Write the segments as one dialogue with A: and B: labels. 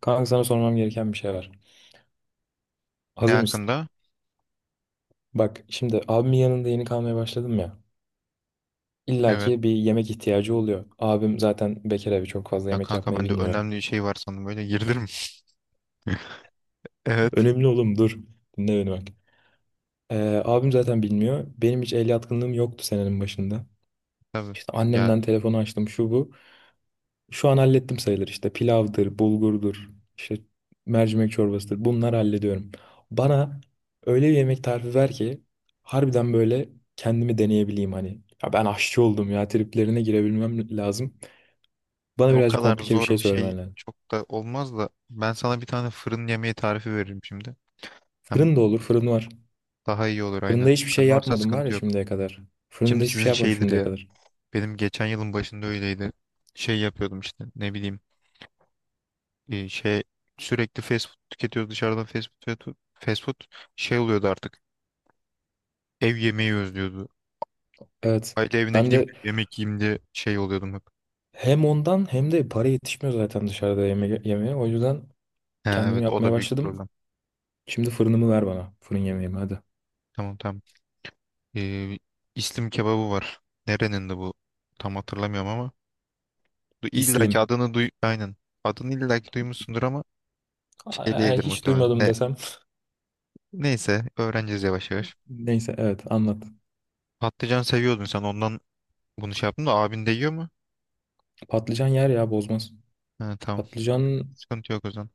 A: Kanka sana sormam gereken bir şey var.
B: Ne
A: Hazır mısın?
B: hakkında?
A: Bak şimdi abimin yanında yeni kalmaya başladım ya. İlla
B: Evet.
A: ki bir yemek ihtiyacı oluyor. Abim zaten bekar abi çok fazla
B: Ya
A: yemek
B: kanka
A: yapmayı
B: ben de
A: bilmiyor.
B: önemli bir şey var sandım. Böyle girdim. Evet.
A: Önemli oğlum dur. Dinle beni bak. Abim zaten bilmiyor. Benim hiç el yatkınlığım yoktu senenin başında.
B: Tabii.
A: İşte
B: Ya
A: annemden telefonu açtım şu bu. Şu an hallettim sayılır işte pilavdır, bulgurdur, işte mercimek çorbasıdır. Bunları hallediyorum. Bana öyle bir yemek tarifi ver ki harbiden böyle kendimi deneyebileyim hani. Ya ben aşçı oldum ya triplerine girebilmem lazım. Bana
B: o
A: birazcık
B: kadar
A: komplike bir
B: zor
A: şey
B: bir şey
A: söylemen lazım.
B: çok da olmaz da ben sana bir tane fırın yemeği tarifi veririm şimdi. Hem
A: Fırın da olur, fırın var.
B: daha iyi olur
A: Fırında
B: aynen.
A: hiçbir şey
B: Fırın varsa
A: yapmadım var
B: sıkıntı
A: ya
B: yok.
A: şimdiye kadar. Fırında
B: Şimdi
A: hiçbir şey
B: sizin
A: yapmadım
B: şeydir
A: şimdiye
B: ya.
A: kadar.
B: Benim geçen yılın başında öyleydi. Şey yapıyordum işte ne bileyim şey sürekli fast food tüketiyoruz dışarıdan fast food fast food fast food. Şey oluyordu artık. Ev yemeği özlüyordu.
A: Evet.
B: Aile evine
A: Ben
B: gideyim de
A: de
B: yemek yiyeyim diye şey oluyordum hep.
A: hem ondan hem de para yetişmiyor zaten dışarıda yeme yemeye. O yüzden
B: Ha,
A: kendim
B: evet o
A: yapmaya
B: da büyük
A: başladım.
B: problem.
A: Şimdi fırınımı ver bana. Fırın yemeğimi hadi.
B: Tamam tamam. Ee, İslim kebabı var. Nerenin de bu? Tam hatırlamıyorum ama. Du illa ki
A: İslim.
B: adını duy... Aynen. Adını illa ki duymuşsundur ama şey
A: Aa,
B: değildir
A: hiç
B: muhtemelen.
A: duymadım desem.
B: Neyse öğreneceğiz yavaş yavaş.
A: Neyse evet anlat.
B: Patlıcan seviyordun sen ondan bunu şey yaptın da abin de yiyor mu?
A: Patlıcan yer ya bozmaz.
B: Ha, tamam.
A: Patlıcan
B: Sıkıntı yok o zaman.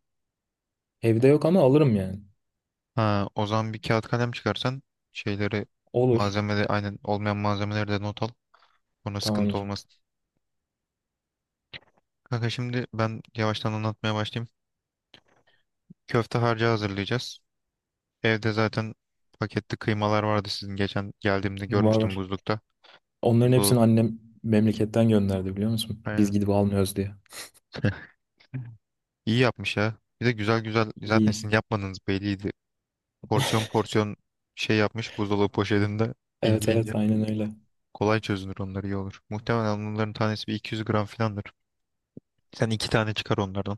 A: evde yok ama alırım yani.
B: Ha, o zaman bir kağıt kalem çıkarsan şeyleri
A: Olur.
B: malzemeleri aynen olmayan malzemeleri de not al. Ona sıkıntı
A: Tamamdır.
B: olmaz. Kanka şimdi ben yavaştan anlatmaya başlayayım. Köfte harcı hazırlayacağız. Evde zaten paketli kıymalar vardı sizin, geçen geldiğimde
A: Var
B: görmüştüm
A: var.
B: buzlukta.
A: Onların hepsini
B: Buzluğu
A: annem memleketten gönderdi biliyor musun? Biz
B: aynen.
A: gidip almıyoruz diye.
B: İyi yapmış ya. Bir de güzel güzel zaten
A: İyi.
B: sizin yapmadığınız belliydi. Porsiyon porsiyon şey yapmış buzdolabı poşetinde
A: Evet
B: ince ince.
A: evet aynen öyle.
B: Kolay çözünür onlar, iyi olur. Muhtemelen onların tanesi bir 200 gram filandır. Sen iki tane çıkar onlardan.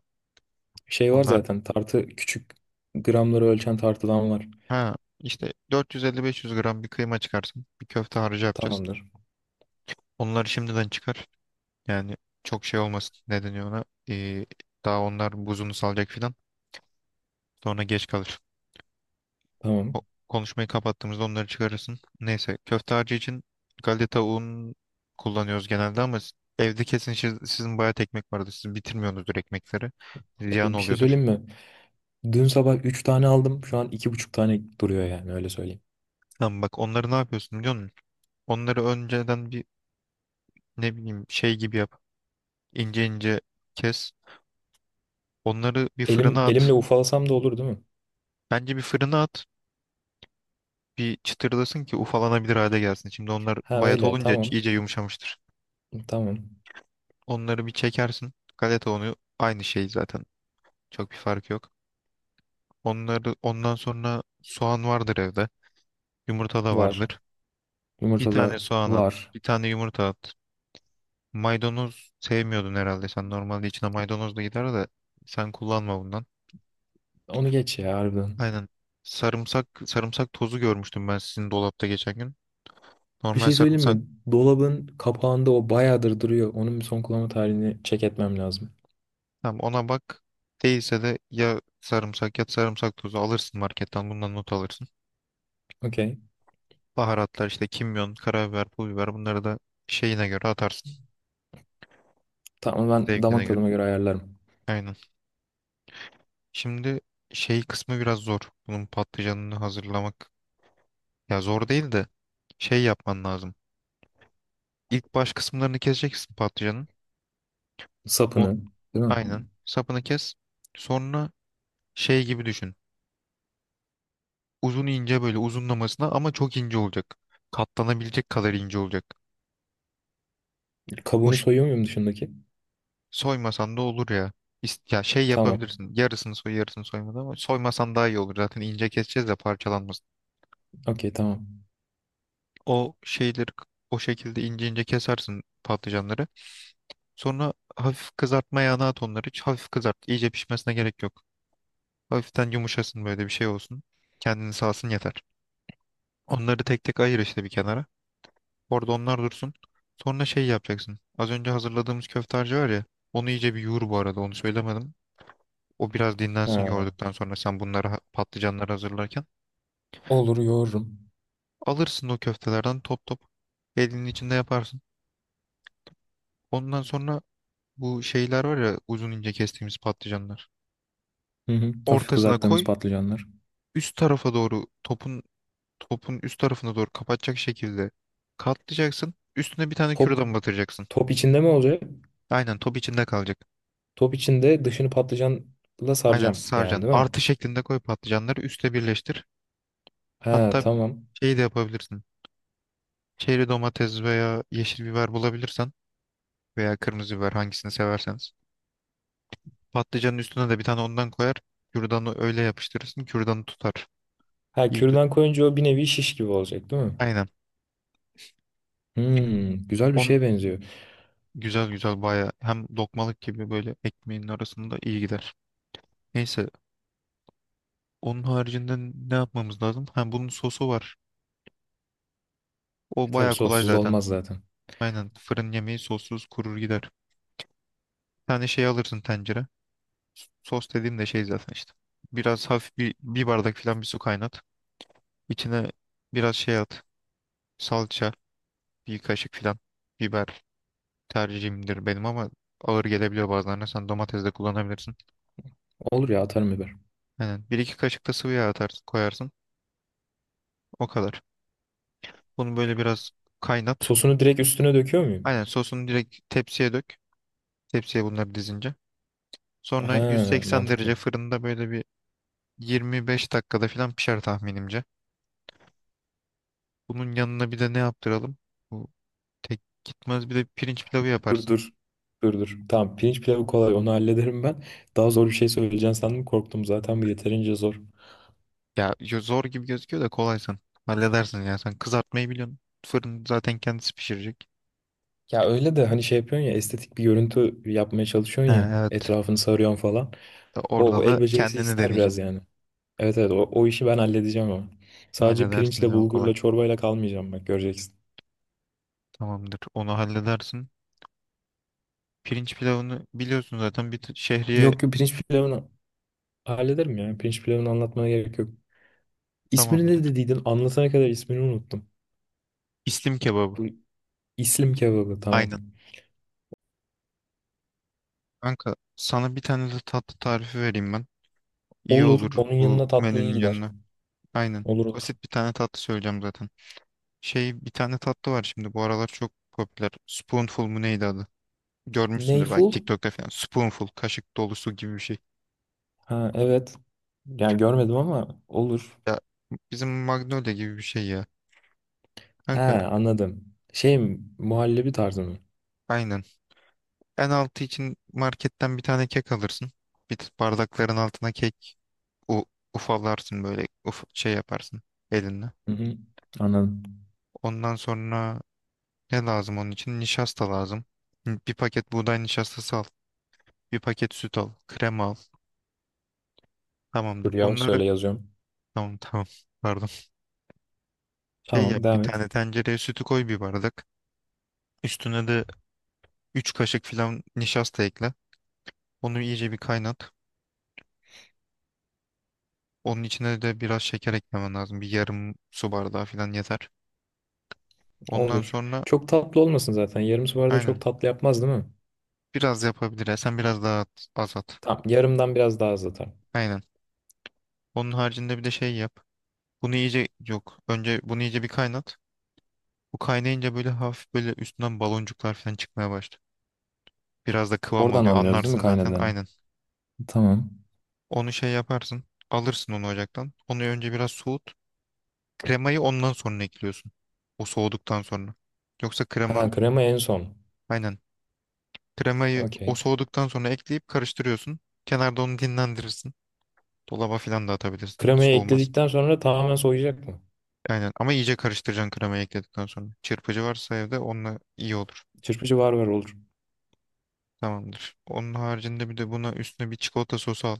A: Şey var
B: Onlar
A: zaten tartı küçük gramları ölçen tartıdan var.
B: ha işte 450-500 gram bir kıyma çıkarsın. Bir köfte harcı yapacağız.
A: Tamamdır.
B: Onları şimdiden çıkar. Yani çok şey olmasın. Ne deniyor ona? Ee, daha onlar buzunu salacak filan. Sonra geç kalır.
A: Tamam.
B: O, konuşmayı kapattığımızda onları çıkarırsın. Neyse köfte harcı için galeta un kullanıyoruz genelde ama evde kesin sizin bayağı ekmek vardır. Siz bitirmiyorsunuzdur ekmekleri. Ziyan
A: E, bir şey
B: oluyordur.
A: söyleyeyim mi? Dün sabah 3 tane aldım. Şu an 2,5 tane duruyor yani öyle söyleyeyim.
B: Tamam, bak onları ne yapıyorsun biliyor musun? Onları önceden bir ne bileyim şey gibi yap. İnce ince kes. Onları bir
A: Elim
B: fırına at.
A: elimle ufalasam da olur değil mi?
B: Bence bir fırına at. Bir çıtırlasın ki ufalanabilir hale gelsin. Şimdi onlar
A: Ha
B: bayat
A: öyle
B: olunca
A: tamam.
B: iyice yumuşamıştır.
A: Tamam.
B: Onları bir çekersin. Galeta unu aynı şey zaten. Çok bir fark yok. Onları ondan sonra soğan vardır evde. Yumurta da
A: Var.
B: vardır. Bir
A: Yumurtada
B: tane soğan at,
A: var.
B: bir tane yumurta at. Maydanoz sevmiyordun herhalde. Sen normalde içine maydanoz da gider de sen kullanma bundan.
A: Onu geç ya harbiden.
B: Aynen. Sarımsak sarımsak tozu görmüştüm ben sizin dolapta geçen gün.
A: Bir
B: Normal
A: şey söyleyeyim
B: sarımsak.
A: mi? Dolabın kapağında o bayağıdır duruyor. Onun bir son kullanma tarihini check etmem lazım.
B: Tamam, ona bak. Değilse de ya sarımsak ya sarımsak tozu alırsın marketten, bundan not alırsın.
A: Okey.
B: Baharatlar işte kimyon, karabiber, pul biber, bunları da şeyine göre atarsın.
A: Tamam ben
B: Zevkine
A: damak
B: göre.
A: tadıma göre ayarlarım.
B: Aynen. Şimdi şey kısmı biraz zor. Bunun patlıcanını hazırlamak. Ya zor değil de şey yapman lazım. İlk baş kısımlarını keseceksin patlıcanın. On,
A: Sapını, değil mi?
B: aynen. Sapını kes. Sonra şey gibi düşün. Uzun ince böyle uzunlamasına ama çok ince olacak. Katlanabilecek kadar ince olacak. O,
A: Kabuğunu
B: ş-
A: soyuyor muyum dışındaki?
B: Soymasan da olur ya. Ya şey
A: Tamam.
B: yapabilirsin. Yarısını soy, yarısını soymadan ama soymasan daha iyi olur. Zaten ince keseceğiz de parçalanmasın.
A: Okey tamam.
B: O şeyleri k- O şekilde ince ince kesersin patlıcanları. Sonra hafif kızartma yağına at onları. Hiç hafif kızart. İyice pişmesine gerek yok. Hafiften yumuşasın, böyle bir şey olsun. Kendini sağsın yeter. Onları tek tek ayır işte bir kenara. Orada onlar dursun. Sonra şey yapacaksın. Az önce hazırladığımız köfte harcı var ya. Onu iyice bir yoğur bu arada. Onu söylemedim. O biraz dinlensin
A: Ha.
B: yoğurduktan sonra, sen bunları patlıcanları hazırlarken
A: Olur yoğururum.
B: alırsın o köftelerden, top top elinin içinde yaparsın. Ondan sonra bu şeyler var ya, uzun ince kestiğimiz patlıcanlar.
A: Hı hı. Hafif
B: Ortasına
A: kızarttığımız
B: koy,
A: patlıcanlar.
B: üst tarafa doğru topun üst tarafına doğru kapatacak şekilde katlayacaksın. Üstüne bir tane
A: Top,
B: kürdan batıracaksın.
A: top içinde mi olacak?
B: Aynen, top içinde kalacak.
A: Top içinde dışını patlıcanla
B: Aynen
A: saracağım yani
B: saracaksın.
A: değil mi?
B: Artı şeklinde koy patlıcanları, üste birleştir.
A: Ha
B: Hatta
A: tamam.
B: şeyi de yapabilirsin. Çeri domates veya yeşil biber bulabilirsen veya kırmızı biber, hangisini severseniz. Patlıcanın üstüne de bir tane ondan koyar. Kürdanı öyle yapıştırırsın. Kürdanı tutar.
A: Ha
B: İyi tut.
A: kürdan koyunca o bir nevi şiş gibi olacak değil mi?
B: Aynen.
A: Hmm, güzel bir
B: On
A: şeye benziyor.
B: güzel güzel baya, hem lokmalık gibi böyle ekmeğin arasında iyi gider. Neyse, onun haricinde ne yapmamız lazım? Ha, bunun sosu var.
A: E
B: O
A: tabii
B: baya kolay
A: sossuz
B: zaten.
A: olmaz zaten.
B: Aynen, fırın yemeği sossuz kurur gider. Bir tane şey alırsın, tencere. Sos dediğim de şey zaten işte. Biraz hafif bir bardak falan bir su kaynat. İçine biraz şey at. Salça, bir kaşık falan, biber tercihimdir benim ama ağır gelebiliyor bazılarına. Sen domates de kullanabilirsin.
A: Olur ya atarım biber.
B: Aynen. Bir iki kaşık da sıvı yağ atarsın, koyarsın. O kadar. Bunu böyle biraz kaynat.
A: Sosunu direkt üstüne döküyor
B: Aynen,
A: muyum?
B: sosunu direkt tepsiye dök. Tepsiye bunları dizince. Sonra
A: Ha
B: 180
A: mantıklı.
B: derece fırında böyle bir 25 dakikada falan pişer tahminimce. Bunun yanına bir de ne yaptıralım? Bu tek gitmez, bir de pirinç pilavı
A: Dur
B: yaparsın.
A: dur. Dur dur. Tamam pirinç pilavı kolay onu hallederim ben. Daha zor bir şey söyleyeceğim sandım korktum zaten bu yeterince zor.
B: Ya zor gibi gözüküyor da kolaysın. Halledersin ya, sen kızartmayı biliyorsun. Fırın zaten kendisi pişirecek.
A: Ya öyle de hani şey yapıyorsun ya estetik bir görüntü yapmaya
B: Ha,
A: çalışıyorsun ya
B: evet.
A: etrafını sarıyorsun falan. O
B: Orada da
A: el becerisi
B: kendini
A: ister
B: deneyeceksin.
A: biraz yani. Evet evet o işi ben halledeceğim ama. Sadece
B: Halledersin
A: pirinçle
B: ya, o kolay.
A: bulgurla çorbayla kalmayacağım bak göreceksin.
B: Tamamdır. Onu halledersin. Pirinç pilavını biliyorsun zaten. Bir şehriye
A: Yok yok pirinç pilavını hallederim ya. Pirinç pilavını anlatmana gerek yok. İsmini
B: tamamdır.
A: ne dediydin? Anlatana kadar ismini unuttum.
B: İslim kebabı.
A: Bu İslim kebabı tamam.
B: Aynen. Kanka sana bir tane de tatlı tarifi vereyim ben. İyi
A: Olur.
B: olur
A: Onun
B: bu
A: yanına tatlı iyi
B: menünün
A: gider.
B: yanına. Aynen.
A: Olur olur.
B: Basit bir tane tatlı söyleyeceğim zaten. Şey, bir tane tatlı var şimdi bu aralar çok popüler. Spoonful mu neydi adı? Görmüşsündür belki
A: Neyful?
B: TikTok'ta falan. Spoonful, kaşık dolusu gibi bir şey.
A: Ha evet. Yani görmedim ama olur.
B: Bizim Magnolia gibi bir şey ya.
A: He
B: Kanka
A: anladım. Şey mi, muhallebi tarzı mı?
B: aynen. En altı için marketten bir tane kek alırsın. Bir bardakların altına kek u- ufalarsın böyle, şey yaparsın elinle.
A: Hı hı, anladım.
B: Ondan sonra ne lazım onun için? Nişasta lazım. Bir paket buğday nişastası al. Bir paket süt al. Krema al. Tamamdır.
A: Dur yavaş
B: Bunları
A: söyle yazıyorum.
B: tamam tamam pardon. Şey
A: Tamam
B: yap, bir
A: devam et.
B: tane tencereye sütü koy, bir bardak. Üstüne de 3 kaşık falan nişasta ekle. Onu iyice bir kaynat. Onun içine de biraz şeker eklemen lazım. Bir yarım su bardağı falan yeter. Ondan
A: Olur.
B: sonra.
A: Çok tatlı olmasın zaten. Yarım su arada çok
B: Aynen.
A: tatlı yapmaz değil mi?
B: Biraz yapabilir ya. Sen biraz daha az at.
A: Tamam. Yarımdan biraz daha az atar.
B: Aynen. Onun haricinde bir de şey yap. Bunu iyice, yok, önce bunu iyice bir kaynat. Bu kaynayınca böyle hafif, böyle üstünden baloncuklar falan çıkmaya başlıyor. Biraz da kıvam
A: Oradan
B: alıyor.
A: anlıyoruz değil mi
B: Anlarsın zaten.
A: kaynadığını?
B: Aynen.
A: Tamam.
B: Onu şey yaparsın. Alırsın onu ocaktan. Onu önce biraz soğut. Kremayı ondan sonra ekliyorsun. O soğuduktan sonra. Yoksa
A: Ha
B: krema,
A: krema en son.
B: aynen. Kremayı o
A: Okey.
B: soğuduktan sonra ekleyip karıştırıyorsun. Kenarda onu dinlendirirsin. Dolaba falan da atabilirsin.
A: Kremayı
B: Soğumaz.
A: ekledikten sonra tamamen soğuyacak mı?
B: Aynen, ama iyice karıştıracaksın kremayı ekledikten sonra. Çırpıcı varsa evde onunla iyi olur.
A: Çırpıcı var var olur.
B: Tamamdır. Onun haricinde bir de buna, üstüne bir çikolata sosu al.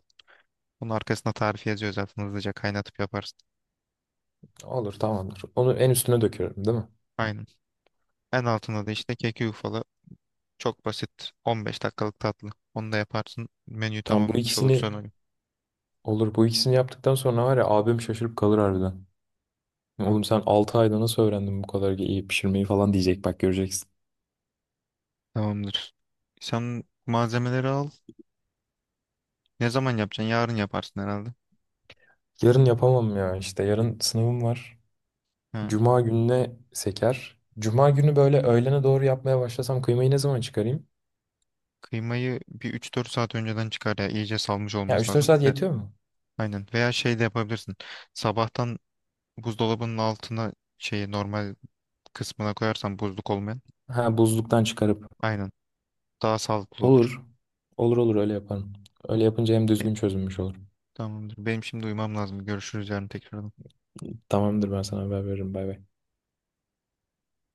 B: Onun arkasına tarifi yazıyor zaten, hızlıca kaynatıp yaparsın.
A: Olur tamamdır. Onu en üstüne döküyorum değil mi?
B: Aynen. En altında da işte keki yufala. Çok basit, 15 dakikalık tatlı. Onu da yaparsın. Menüyü
A: Tamam bu
B: tamamlamış
A: ikisini
B: olursun o gün.
A: olur. Bu ikisini yaptıktan sonra var ya abim şaşırıp kalır harbiden. Oğlum sen 6 ayda nasıl öğrendin bu kadar iyi pişirmeyi falan diyecek bak göreceksin.
B: Tamamdır. Sen malzemeleri al. Ne zaman yapacaksın? Yarın yaparsın herhalde.
A: Yarın yapamam ya işte yarın sınavım var.
B: Ha.
A: Cuma gününe seker. Cuma günü böyle öğlene doğru yapmaya başlasam kıymayı ne zaman çıkarayım?
B: Kıymayı bir 3-4 saat önceden çıkar ya. İyice salmış
A: Ya
B: olması
A: üç dört
B: lazım. Bir
A: saat
B: de,
A: yetiyor mu?
B: aynen. Veya şey de yapabilirsin. Sabahtan buzdolabının altına, şeyi normal kısmına koyarsan, buzluk olmayan,
A: Ha buzluktan çıkarıp.
B: aynen, daha sağlıklı olur.
A: Olur. Olur olur öyle yaparım.
B: Hı.
A: Öyle yapınca hem
B: E,
A: düzgün çözülmüş olur.
B: Tamamdır. Benim şimdi uyumam lazım. Görüşürüz yarın tekrar.
A: Tamamdır ben sana haber veririm. Bay bay.